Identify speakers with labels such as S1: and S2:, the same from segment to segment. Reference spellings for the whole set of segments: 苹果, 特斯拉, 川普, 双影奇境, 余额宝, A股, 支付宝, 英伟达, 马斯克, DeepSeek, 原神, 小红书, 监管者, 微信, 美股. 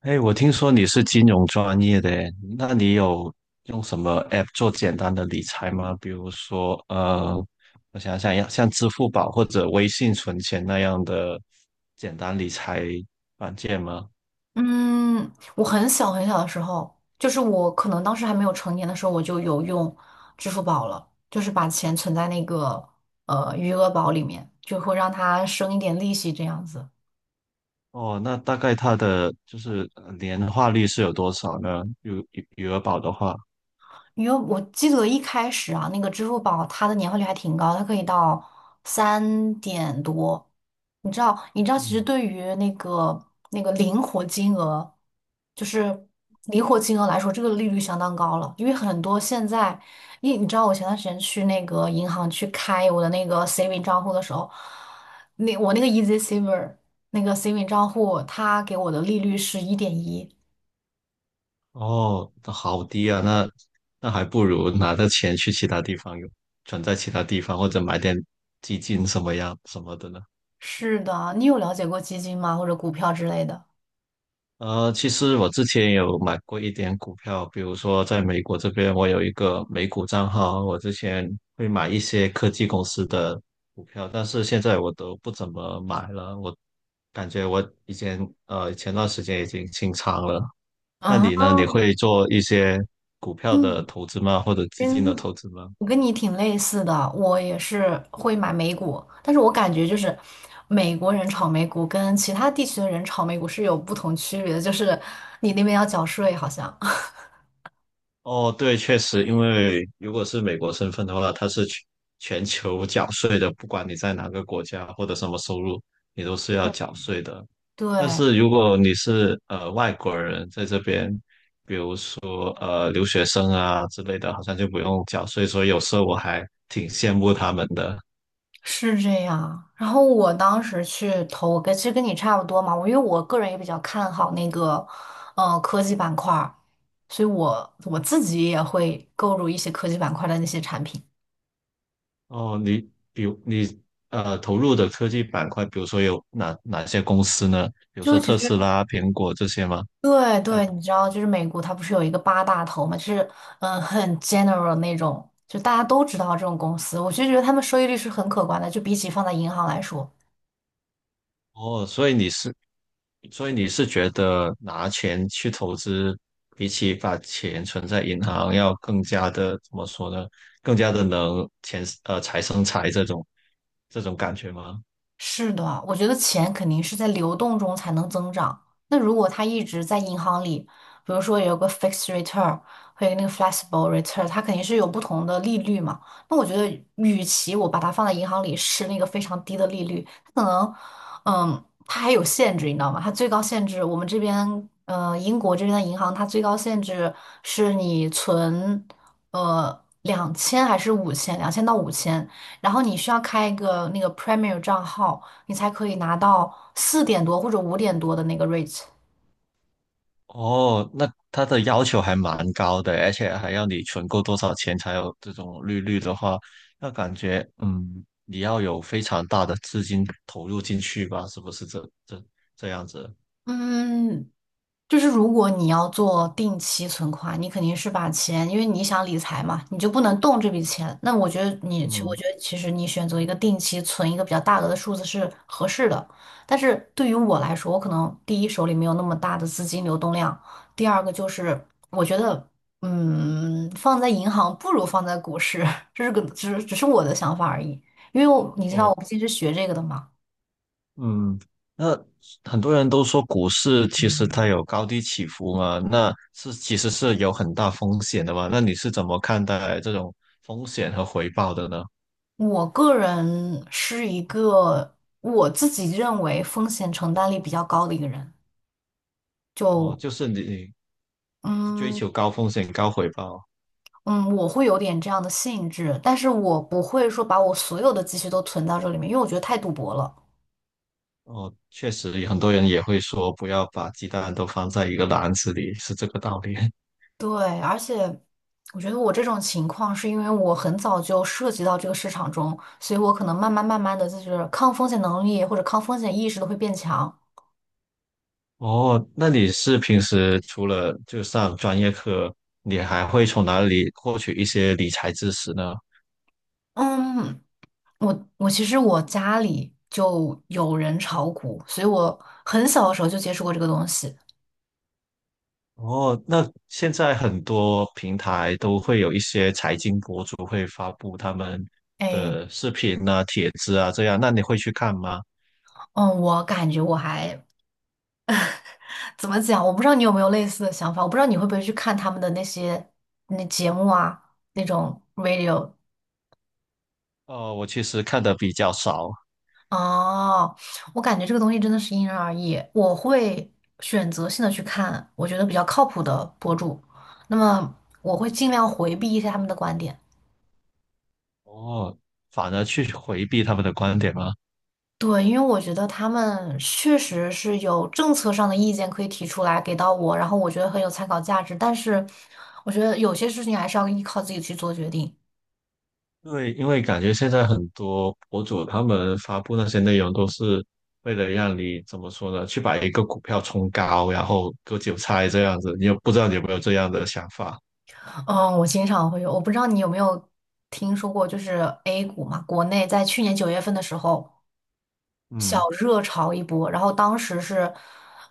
S1: 哎，我听说你是金融专业的诶，那你有用什么 app 做简单的理财吗？比如说，我想要像支付宝或者微信存钱那样的简单理财软件吗？
S2: 嗯，我很小很小的时候，就是我可能当时还没有成年的时候，我就有用支付宝了，就是把钱存在那个余额宝里面，就会让它生一点利息这样子。
S1: 哦，那大概它的就是年化率是有多少呢？余额宝的话，
S2: 因为我记得一开始啊，那个支付宝它的年化率还挺高，它可以到三点多。你知道，其实
S1: 嗯，
S2: 对于那个灵活金额，就是灵活金额来说，这个利率相当高了。因为很多现在，因为你知道，我前段时间去那个银行去开我的那个 saving 账户的时候，那我那个 Easy Saver 那个 saving 账户，它给我的利率是1.1。
S1: 哦，那好低啊，那还不如拿着钱去其他地方用，存在其他地方或者买点基金什么的呢？
S2: 是的，你有了解过基金吗？或者股票之类的？
S1: 呃，其实我之前有买过一点股票，比如说在美国这边，我有一个美股账号，我之前会买一些科技公司的股票，但是现在我都不怎么买了，我感觉我以前前段时间已经清仓了。那
S2: 啊，
S1: 你呢？你会做一些股票的
S2: 嗯，
S1: 投资吗？或者基
S2: 跟
S1: 金的投资吗？
S2: 我跟你挺类似的，我也是会买美股，但是我感觉就是美国人炒美股跟其他地区的人炒美股是有不同区别的，就是你那边要缴税，好像。
S1: 哦，对，确实，因为如果是美国身份的话，它是全球缴税的，不管你在哪个国家或者什么收入，你都是要缴税的。但
S2: 对，
S1: 是如果你是外国人在这边，留学生啊之类的，好像就不用缴税，所以有时候我还挺羡慕他们的。
S2: 是这样。然后我当时去投，其实跟你差不多嘛。因为我个人也比较看好那个，科技板块儿所以我自己也会购入一些科技板块的那些产品。
S1: 哦，比如你投入的科技板块，比如说有哪些公司呢？比如说
S2: 就其
S1: 特
S2: 实
S1: 斯拉、苹果这些吗？
S2: 对
S1: 大
S2: 对，你知道，就是美国它不是有一个八大头嘛，就是很 general 那种，就大家都知道这种公司，我就觉得他们收益率是很可观的，就比起放在银行来说。
S1: 哦，所以你是觉得拿钱去投资，比起把钱存在银行要更加的，怎么说呢？更加的财生财这种感觉吗？
S2: 是的，我觉得钱肯定是在流动中才能增长。那如果它一直在银行里，比如说有个 fixed return 和一个那个 flexible return，它肯定是有不同的利率嘛。那我觉得，与其我把它放在银行里是那个非常低的利率，它可能，它还有限制，你知道吗？它最高限制，我们这边，英国这边的银行，它最高限制是你存，两千还是五千，两千到五千。然后你需要开一个那个 Premier 账号，你才可以拿到四点多或者五点多的那个 rate。
S1: 哦，那他的要求还蛮高的，而且还要你存够多少钱才有这种利率的话，那感觉嗯，你要有非常大的资金投入进去吧？是不是这样子？
S2: 嗯，就是如果你要做定期存款，你肯定是把钱，因为你想理财嘛，你就不能动这笔钱。那我觉得你，其我
S1: 嗯。
S2: 觉得其实你选择一个定期存一个比较大额的数字是合适的。但是对于我来说，我可能第一手里没有那么大的资金流动量，第二个就是我觉得，放在银行不如放在股市，这是个只是我的想法而已。因为我你知道
S1: 哦。
S2: 我不竟是学这个的嘛。
S1: 嗯，那很多人都说股市其实它有高低起伏嘛，那是其实是有很大风险的嘛。那你是怎么看待这种风险和回报的呢？
S2: 我个人是一个我自己认为风险承担力比较高的一个人，
S1: 哦，
S2: 就
S1: 就是你追
S2: 嗯
S1: 求高风险高回报。
S2: 嗯，我会有点这样的性质，但是我不会说把我所有的积蓄都存到这里面，因为我觉得太赌博了。
S1: 哦，确实很多人也会说不要把鸡蛋都放在一个篮子里，是这个道理。
S2: 对，而且我觉得我这种情况是因为我很早就涉及到这个市场中，所以我可能慢慢慢慢的就是抗风险能力或者抗风险意识都会变强。
S1: 哦，那你是平时除了就上专业课，你还会从哪里获取一些理财知识呢？
S2: 嗯，我其实我家里就有人炒股，所以我很小的时候就接触过这个东西。
S1: 哦，那现在很多平台都会有一些财经博主会发布他们
S2: 哎，
S1: 的视频啊、帖子啊这样，那你会去看吗？
S2: 嗯，我感觉我还怎么讲？我不知道你有没有类似的想法，我不知道你会不会去看他们的那些节目啊，那种 radio。
S1: 哦，我其实看的比较少，
S2: 哦，我感觉这个东西真的是因人而异。我会选择性的去看我觉得比较靠谱的博主，那么我会尽量回避一些他们的观点。
S1: 哦，反而去回避他们的观点吗？
S2: 对，因为我觉得他们确实是有政策上的意见可以提出来给到我，然后我觉得很有参考价值。但是，我觉得有些事情还是要依靠自己去做决定。
S1: 对，因为感觉现在很多博主他们发布那些内容都是为了让你怎么说呢，去把一个股票冲高，然后割韭菜这样子，不知道你有没有这样的想法？
S2: 嗯，我经常会有，我不知道你有没有听说过，就是 A 股嘛，国内在去年九月份的时候。
S1: 嗯。
S2: 小热潮一波，然后当时是，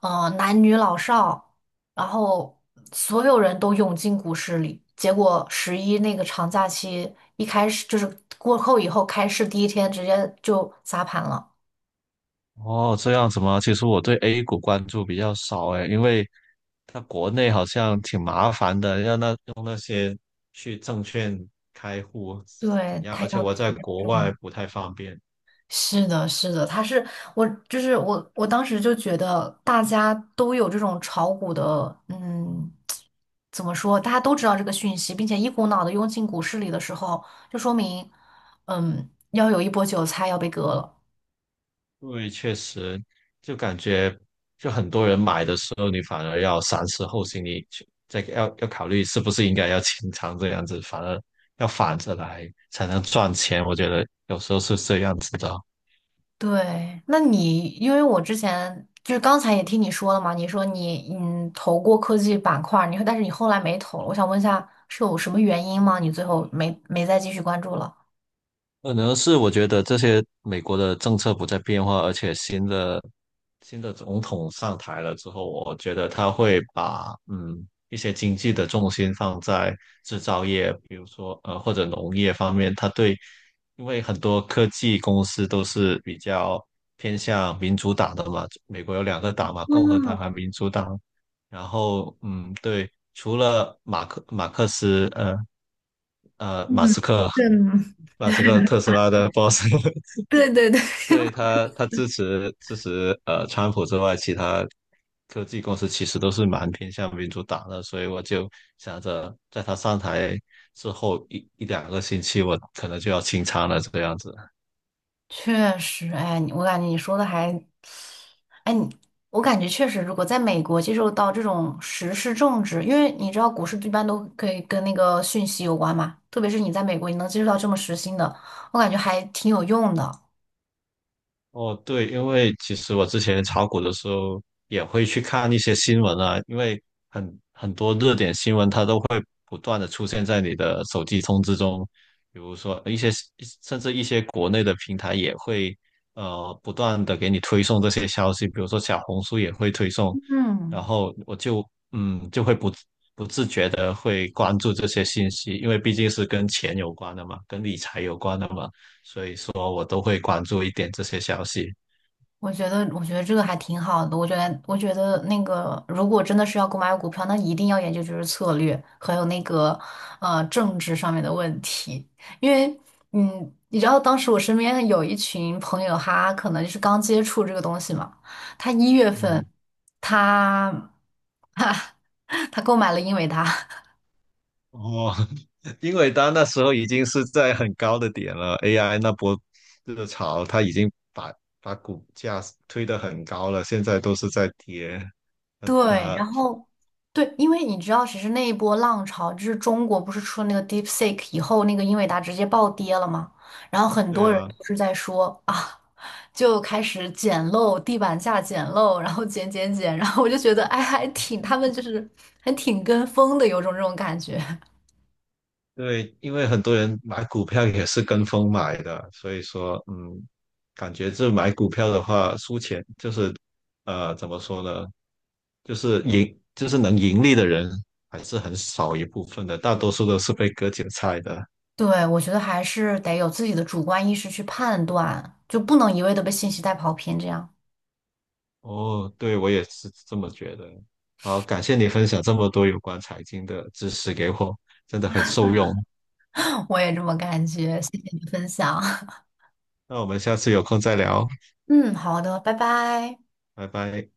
S2: 男女老少，然后所有人都涌进股市里。结果十一那个长假期一开始就是过后以后开市第一天直接就砸盘了，
S1: 哦，这样子吗？其实我对 A 股关注比较少诶，因为它国内好像挺麻烦的，用那些去证券开户怎
S2: 对，
S1: 样，
S2: 他
S1: 而且
S2: 要
S1: 我在
S2: 提前
S1: 国
S2: 证
S1: 外
S2: 明。
S1: 不太方便。
S2: 是的，是的，他是我，就是我，当时就觉得大家都有这种炒股的，怎么说？大家都知道这个讯息，并且一股脑的涌进股市里的时候，就说明，要有一波韭菜要被割了。
S1: 因为确实，就感觉就很多人买的时候，你反而要三思后行，你去再要考虑是不是应该要清仓这样子，反而要反着来才能赚钱。我觉得有时候是这样子的。
S2: 对，那你因为我之前就是刚才也听你说了嘛，你说你投过科技板块儿，你说但是你后来没投了，我想问一下是有什么原因吗？你最后没再继续关注了？
S1: 可能是我觉得这些美国的政策不再变化，而且新的总统上台了之后，我觉得他会把一些经济的重心放在制造业，比如说或者农业方面，他对，因为很多科技公司都是比较偏向民主党的嘛，美国有两个党嘛，共和党和民主党，然后对，除了马斯克，
S2: 嗯，
S1: 马斯克特斯拉的 boss，
S2: 对对
S1: 对他，他支持川普之外，其他科技公司其实都是蛮偏向民主党的，所以我就想着在他上台之后一两个星期，我可能就要清仓了这个样子。
S2: 确实，哎，你我感觉你说的还，哎，你我感觉确实，如果在美国接受到这种时事政治，因为你知道股市一般都可以跟那个讯息有关嘛，特别是你在美国，你能接触到这么时兴的，我感觉还挺有用的。
S1: 哦，对，因为其实我之前炒股的时候也会去看一些新闻啊，因为很多热点新闻它都会不断的出现在你的手机通知中，比如说一些甚至一些国内的平台也会不断的给你推送这些消息，比如说小红书也会推送，然
S2: 嗯。
S1: 后我就会不自觉的会关注这些信息，因为毕竟是跟钱有关的嘛，跟理财有关的嘛，所以我都会关注一点这些消息。
S2: 我觉得这个还挺好的。我觉得那个，如果真的是要购买股票，那一定要研究就是策略，还有那个政治上面的问题。因为，你知道当时我身边有一群朋友，他可能就是刚接触这个东西嘛。他一月
S1: 嗯，
S2: 份，他 他购买了英伟达，
S1: 哦，因为它那时候已经是在很高的点了，AI 那波热潮，它已经把股价推得很高了，现在都是在跌。那
S2: 对，
S1: 它，
S2: 然后对，因为你知道，其实那一波浪潮，就是中国不是出了那个 DeepSeek 以后，那个英伟达直接暴跌了嘛，然后很
S1: 对
S2: 多人
S1: 啊，
S2: 都是在说啊，就开始捡漏，地板价捡漏，然后捡捡捡，然后我就觉得，哎，还挺，他们就是还挺跟风的，有种这种感觉。
S1: 对，因为很多人买股票也是跟风买的，所以说，嗯，感觉这买股票的话，输钱就是，呃，怎么说呢？就是盈，就是能盈利的人还是很少一部分的，大多数都是被割韭菜的。
S2: 对，我觉得还是得有自己的主观意识去判断，就不能一味的被信息带跑偏，这样。
S1: 哦，对，我也是这么觉得。好，感谢你分享这么多有关财经的知识给我，真的很受用。
S2: 我也这么感觉，谢谢你的分享。
S1: 那我们下次有空再聊，
S2: 嗯，好的，拜拜。
S1: 拜拜。